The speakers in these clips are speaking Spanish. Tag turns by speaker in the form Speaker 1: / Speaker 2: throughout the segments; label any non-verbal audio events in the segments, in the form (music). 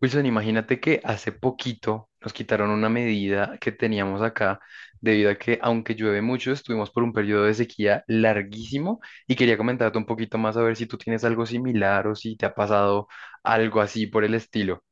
Speaker 1: Wilson, imagínate que hace poquito nos quitaron una medida que teníamos acá debido a que aunque llueve mucho, estuvimos por un periodo de sequía larguísimo y quería comentarte un poquito más a ver si tú tienes algo similar o si te ha pasado algo así por el estilo.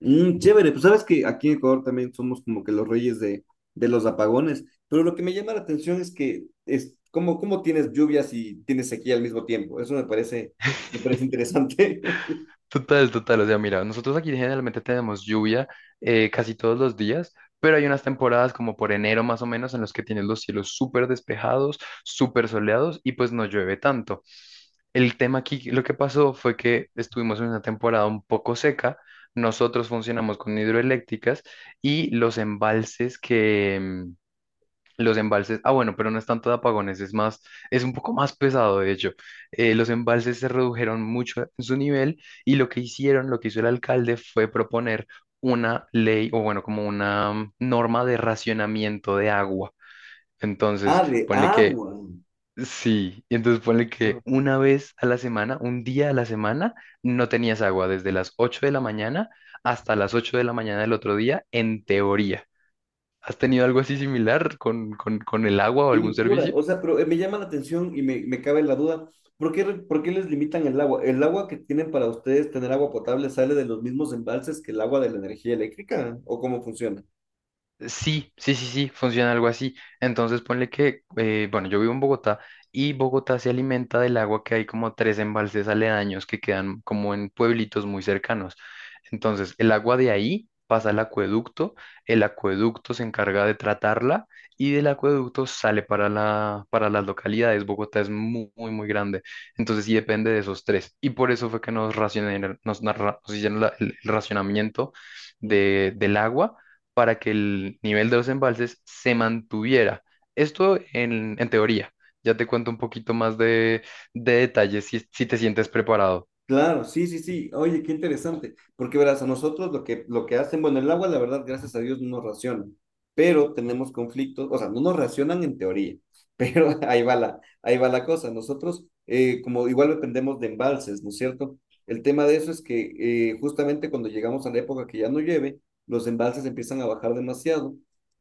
Speaker 2: Chévere, pues sabes que aquí en Ecuador también somos como que los reyes de los apagones, pero lo que me llama la atención es que es cómo tienes lluvias y tienes sequía al mismo tiempo. Eso me parece interesante. (laughs)
Speaker 1: Total, total. O sea, mira, nosotros aquí generalmente tenemos lluvia casi todos los días, pero hay unas temporadas como por enero más o menos en los que tienes los cielos súper despejados, súper soleados y pues no llueve tanto. El tema aquí, lo que pasó fue que estuvimos en una temporada un poco seca. Nosotros funcionamos con hidroeléctricas y los embalses, ah bueno, pero no es tanto de apagones, es más, es un poco más pesado de hecho. Los embalses se redujeron mucho en su nivel y lo que hizo el alcalde fue proponer una ley o bueno, como una norma de racionamiento de agua. Entonces,
Speaker 2: Ah, de
Speaker 1: ponle que,
Speaker 2: agua.
Speaker 1: sí, y entonces ponle que
Speaker 2: Ah,
Speaker 1: una vez a la semana, un día a la semana, no tenías agua desde las 8 de la mañana hasta las 8 de la mañana del otro día, en teoría. ¿Has tenido algo así similar con, con el agua o
Speaker 2: qué
Speaker 1: algún
Speaker 2: locura.
Speaker 1: servicio?
Speaker 2: O sea, pero me llama la atención y me cabe la duda, ¿por qué les limitan el agua? ¿El agua que tienen para ustedes tener agua potable sale de los mismos embalses que el agua de la energía eléctrica? ¿O cómo funciona?
Speaker 1: Sí, sí, sí, sí, funciona algo así. Entonces ponle que, bueno, yo vivo en Bogotá y Bogotá se alimenta del agua que hay como tres embalses aledaños que quedan como en pueblitos muy cercanos. Entonces el agua de ahí pasa al acueducto, el acueducto se encarga de tratarla y del acueducto sale para para las localidades. Bogotá es muy, muy, muy grande. Entonces sí depende de esos tres. Y por eso fue que nos racionaron- nos, narra- nos hicieron el racionamiento de, del agua para que el nivel de los embalses se mantuviera. Esto en teoría. Ya te cuento un poquito más de detalles si, si te sientes preparado.
Speaker 2: Claro, sí, sí, sí. Oye, qué interesante. Porque verás, a nosotros lo que hacen, bueno, el agua, la verdad, gracias a Dios, no nos racionan, pero tenemos conflictos, o sea, no nos racionan en teoría, pero (laughs) ahí va ahí va la cosa. Nosotros, como igual dependemos de embalses, ¿no es cierto? El tema de eso es que justamente cuando llegamos a la época que ya no llueve, los embalses empiezan a bajar demasiado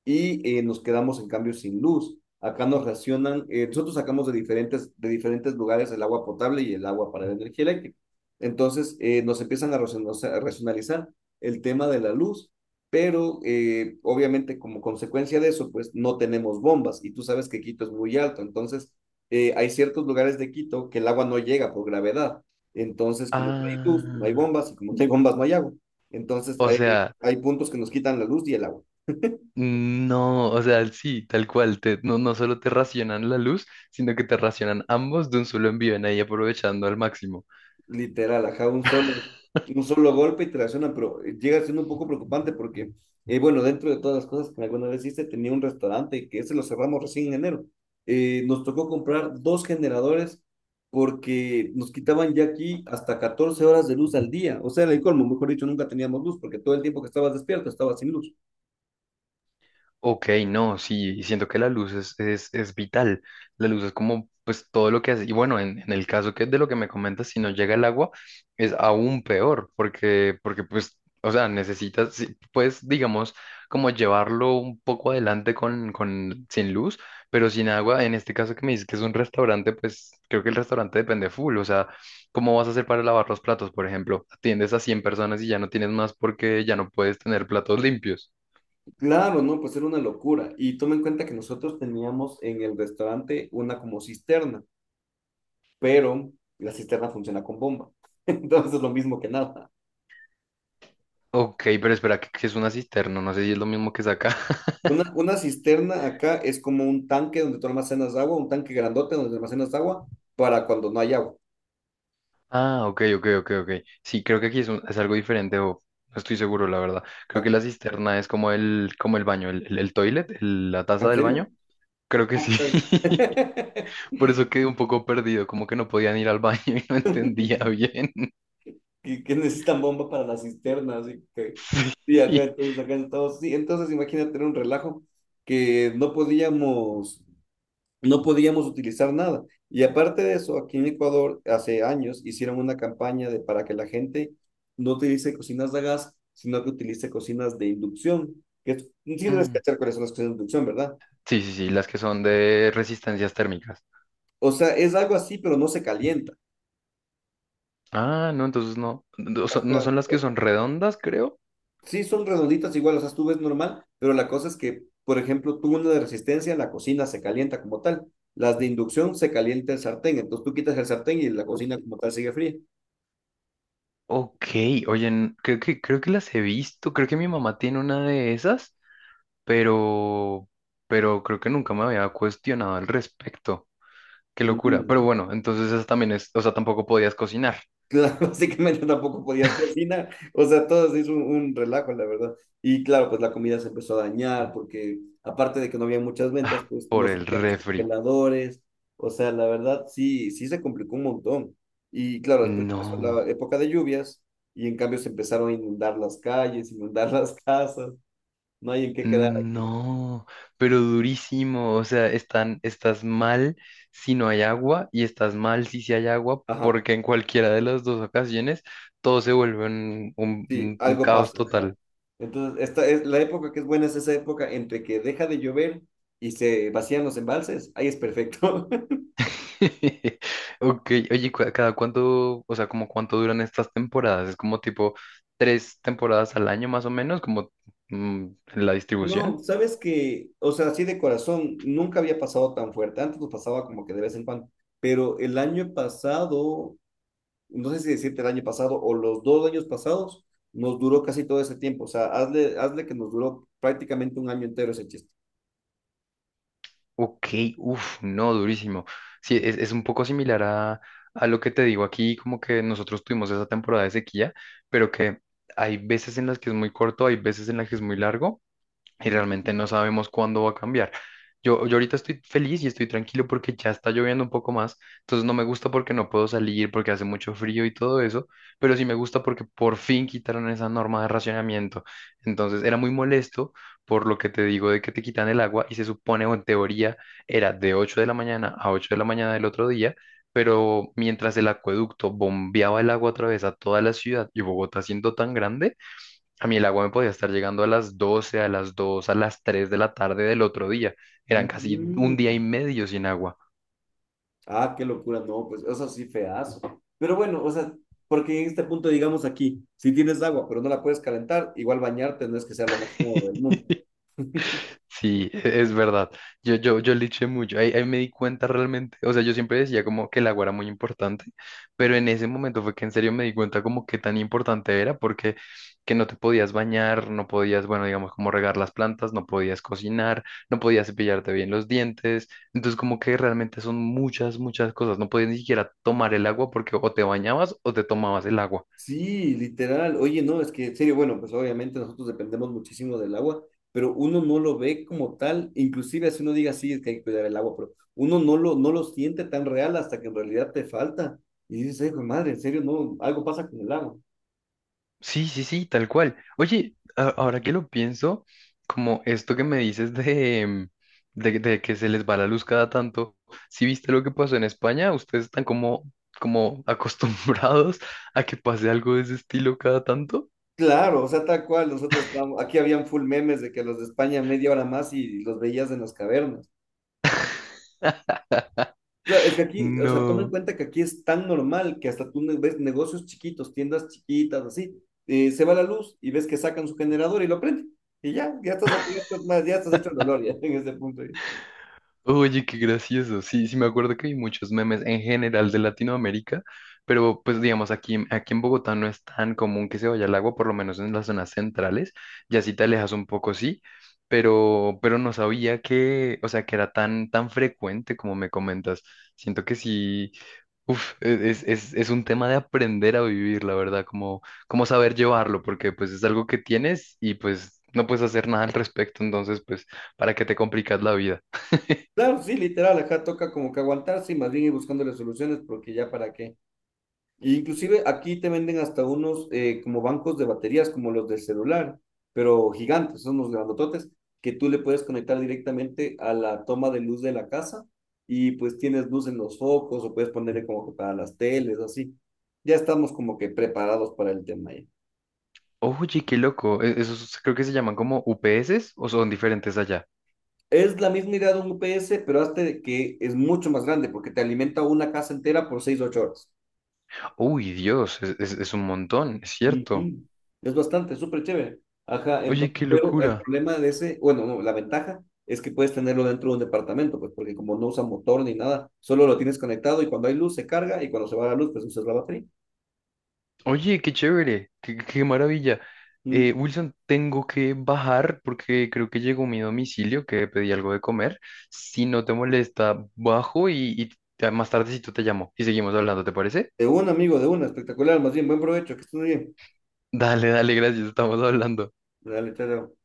Speaker 2: y nos quedamos en cambio sin luz. Acá nos racionan, nosotros sacamos de diferentes lugares el agua potable y el agua para la energía eléctrica. Entonces nos empiezan a racionalizar el tema de la luz, pero obviamente como consecuencia de eso, pues no tenemos bombas y tú sabes que Quito es muy alto, entonces hay ciertos lugares de Quito que el agua no llega por gravedad, entonces como no hay luz, no hay
Speaker 1: Ah,
Speaker 2: bombas y como no hay bombas, no hay agua. Entonces
Speaker 1: o sea,
Speaker 2: hay puntos que nos quitan la luz y el agua.
Speaker 1: no, o sea, sí, tal cual, no, no solo te racionan la luz, sino que te racionan ambos de un solo envío, en ahí aprovechando al máximo.
Speaker 2: Literal, ajá, un solo golpe y te lesiona, pero llega siendo un poco preocupante porque, bueno, dentro de todas las cosas que alguna vez hice, tenía un restaurante que ese lo cerramos recién en enero. Nos tocó comprar dos generadores porque nos quitaban ya aquí hasta 14 horas de luz al día. O sea, en el colmo, mejor dicho, nunca teníamos luz porque todo el tiempo que estabas despierto estabas sin luz.
Speaker 1: Ok, no, sí, siento que la luz es vital. La luz es como, pues, todo lo que hace. Y bueno, en el caso que de lo que me comentas, si no llega el agua, es aún peor, porque pues, o sea, necesitas, sí, pues, digamos, como llevarlo un poco adelante con, sin luz, pero sin agua. En este caso que me dices que es un restaurante, pues, creo que el restaurante depende full. O sea, ¿cómo vas a hacer para lavar los platos, por ejemplo? Atiendes a 100 personas y ya no tienes más porque ya no puedes tener platos limpios.
Speaker 2: Claro, no, pues era una locura. Y toma en cuenta que nosotros teníamos en el restaurante una como cisterna, pero la cisterna funciona con bomba. (laughs) Entonces es lo mismo que nada.
Speaker 1: Ok, pero espera, que es una cisterna, no sé si es lo mismo que es acá. (laughs)
Speaker 2: Una cisterna acá es como un tanque donde tú almacenas agua, un tanque grandote donde almacenas agua para cuando no hay agua.
Speaker 1: Ah, ok, ok, ok, ok. Sí, creo que aquí es, es algo diferente o no estoy seguro, la verdad. Creo que
Speaker 2: Ah,
Speaker 1: la cisterna es como el baño, el toilet, la taza
Speaker 2: ¿en
Speaker 1: del
Speaker 2: serio?
Speaker 1: baño. Creo que
Speaker 2: Ah,
Speaker 1: sí.
Speaker 2: qué
Speaker 1: (laughs)
Speaker 2: cague.
Speaker 1: Por eso quedé un poco perdido, como que no podían ir al baño (laughs) y no entendía bien.
Speaker 2: (laughs) Que necesitan bomba para la cisterna, así que... Y acá entonces,
Speaker 1: (laughs)
Speaker 2: sí, entonces imagínate era un relajo que no podíamos, no podíamos utilizar nada. Y aparte de eso, aquí en Ecuador hace años hicieron una campaña de, para que la gente no utilice cocinas de gas, sino que utilice cocinas de inducción. Sí debes
Speaker 1: Mm,
Speaker 2: cachar cuáles son las cocinas de inducción, ¿verdad?
Speaker 1: sí, sí, sí, las que son de resistencias térmicas.
Speaker 2: O sea, es algo así, pero no se calienta.
Speaker 1: Ah, no, entonces no. No son no
Speaker 2: Ajá.
Speaker 1: son las que son redondas, creo.
Speaker 2: Sí son redonditas igual, o sea, tú ves normal, pero la cosa es que, por ejemplo, tú una de resistencia, la cocina se calienta como tal. Las de inducción se calienta el sartén, entonces tú quitas el sartén y la cocina como tal sigue fría.
Speaker 1: Ok, oye, creo que las he visto, creo que mi mamá tiene una de esas, pero, pero creo que nunca me había cuestionado al respecto. Qué locura. Pero
Speaker 2: Ujú.
Speaker 1: bueno, entonces esa también es, o sea, tampoco podías cocinar.
Speaker 2: Claro, (laughs) básicamente tampoco podías cocinar, o sea, todo se hizo un relajo, la verdad. Y claro, pues la comida se empezó a dañar porque aparte de que no había muchas ventas,
Speaker 1: Ah,
Speaker 2: pues
Speaker 1: por
Speaker 2: no se
Speaker 1: el
Speaker 2: tenían los
Speaker 1: refri.
Speaker 2: congeladores, o sea, la verdad sí, sí se complicó un montón. Y claro, después empezó
Speaker 1: No,
Speaker 2: la época de lluvias y en cambio se empezaron a inundar las calles, (laughs) inundar las casas, no hay en qué quedar.
Speaker 1: no, pero durísimo. O sea, están, estás mal si no hay agua y estás mal si sí hay agua,
Speaker 2: Ajá,
Speaker 1: porque en cualquiera de las dos ocasiones todo se vuelve un
Speaker 2: sí,
Speaker 1: un
Speaker 2: algo
Speaker 1: caos
Speaker 2: pasa, ajá.
Speaker 1: total.
Speaker 2: Entonces, esta es la época que es buena, es esa época entre que deja de llover y se vacían los embalses, ahí es perfecto. (laughs)
Speaker 1: (laughs) Ok, oye, ¿cada cuánto, o sea, como cuánto duran estas temporadas? ¿Es como tipo tres temporadas al año más o menos, como mm, la
Speaker 2: No,
Speaker 1: distribución?
Speaker 2: sabes que, o sea, así de corazón, nunca había pasado tan fuerte. Antes nos pasaba como que de vez en cuando, pero el año pasado, no sé si decirte el año pasado o los dos años pasados, nos duró casi todo ese tiempo. O sea, hazle que nos duró prácticamente un año entero ese chiste.
Speaker 1: Ok, uff, no, durísimo. Sí, es un poco similar a lo que te digo aquí, como que nosotros tuvimos esa temporada de sequía, pero que hay veces en las que es muy corto, hay veces en las que es muy largo. Y realmente
Speaker 2: Ujú.
Speaker 1: no sabemos cuándo va a cambiar. Yo ahorita estoy feliz y estoy tranquilo porque ya está lloviendo un poco más, entonces no me gusta porque no puedo salir, porque hace mucho frío y todo eso, pero sí me gusta porque por fin quitaron esa norma de racionamiento. Entonces era muy molesto por lo que te digo de que te quitan el agua y se supone o en teoría era de 8 de la mañana a 8 de la mañana del otro día, pero mientras el acueducto bombeaba el agua a través a toda la ciudad y Bogotá siendo tan grande, a mí el agua me podía estar llegando a las 12, a las 2, a las 3 de la tarde del otro día. Eran casi un día
Speaker 2: Mm.
Speaker 1: y medio sin agua.
Speaker 2: Ah, qué locura, no, pues eso sí feazo. Pero bueno, o sea, porque en este punto, digamos aquí, si tienes agua, pero no la puedes calentar, igual bañarte no es que sea lo más cómodo del mundo.
Speaker 1: Sí, es verdad. Yo liché mucho. Ahí, ahí me di cuenta realmente. O sea, yo siempre decía como que el agua era muy importante, pero en ese momento fue que en serio me di cuenta como que tan importante era porque que no te podías bañar, no podías, bueno, digamos, como regar las plantas, no podías cocinar, no podías cepillarte bien los dientes. Entonces, como que realmente son muchas, muchas cosas. No podías ni siquiera tomar el agua porque o te bañabas o te tomabas el agua.
Speaker 2: Sí, literal. Oye, no, es que en serio, bueno, pues obviamente nosotros dependemos muchísimo del agua, pero uno no lo ve como tal, inclusive si uno diga sí, es que hay que cuidar el agua, pero uno no no lo siente tan real hasta que en realidad te falta. Y dices, hijo de madre, en serio, no, algo pasa con el agua.
Speaker 1: Sí, sí, sí, tal cual. Oye, ahora que lo pienso, como esto que me dices de, de que se les va la luz cada tanto, ¿si viste lo que pasó en España? ¿Ustedes están como, como (laughs) acostumbrados a que pase algo de ese estilo cada tanto?
Speaker 2: Claro, o sea, tal cual, nosotros estábamos, aquí habían full memes de que los de España media hora más y los veías en las cavernas. Claro, es que aquí, o sea, toma en
Speaker 1: No.
Speaker 2: cuenta que aquí es tan normal que hasta ves negocios chiquitos, tiendas chiquitas, así, se va la luz y ves que sacan su generador y lo prenden. Y ya, ya estás a cubiertas, más, ya estás hecho el dolor ya (laughs) en ese punto, ahí.
Speaker 1: Oye, qué gracioso. Sí, sí, me acuerdo que hay muchos memes en general de Latinoamérica, pero pues digamos, aquí, aquí en Bogotá no es tan común que se vaya al agua, por lo menos en las zonas centrales. Ya si te alejas un poco, sí, pero no sabía que, o sea, que era tan, tan frecuente como me comentas. Siento que sí, uf, es un tema de aprender a vivir, la verdad, como, como saber llevarlo, porque pues es algo que tienes y pues no puedes hacer nada al respecto, entonces pues, ¿para qué te complicas la vida?
Speaker 2: Claro, sí, literal, acá toca como que aguantarse y más bien ir buscándole soluciones porque ya para qué. Inclusive aquí te venden hasta unos como bancos de baterías, como los del celular, pero gigantes, son unos grandototes, que tú le puedes conectar directamente a la toma de luz de la casa y pues tienes luz en los focos o puedes ponerle como que para las teles, así. Ya estamos como que preparados para el tema ya.
Speaker 1: Oye, qué loco. Esos creo que se llaman como UPS o son diferentes allá.
Speaker 2: Es la misma idea de un UPS, pero hazte que es mucho más grande porque te alimenta una casa entera por 6 8 horas.
Speaker 1: Uy, Dios, es un montón, es cierto.
Speaker 2: Ujú. Es bastante, súper chévere. Ajá,
Speaker 1: Oye,
Speaker 2: entonces,
Speaker 1: qué
Speaker 2: pero el
Speaker 1: locura.
Speaker 2: problema de ese, bueno, no, la ventaja es que puedes tenerlo dentro de un departamento, pues porque como no usa motor ni nada, solo lo tienes conectado y cuando hay luz se carga y cuando se va la luz, pues usas la batería.
Speaker 1: Oye, qué chévere, qué, qué maravilla.
Speaker 2: Mm.
Speaker 1: Wilson, tengo que bajar porque creo que llegó mi domicilio, que pedí algo de comer. Si no te molesta, bajo y, más tardecito te llamo y seguimos hablando, ¿te parece?
Speaker 2: De un amigo, de una, espectacular, más bien, buen provecho, que estés muy bien.
Speaker 1: Dale, dale, gracias, estamos hablando.
Speaker 2: Dale, chao, chao.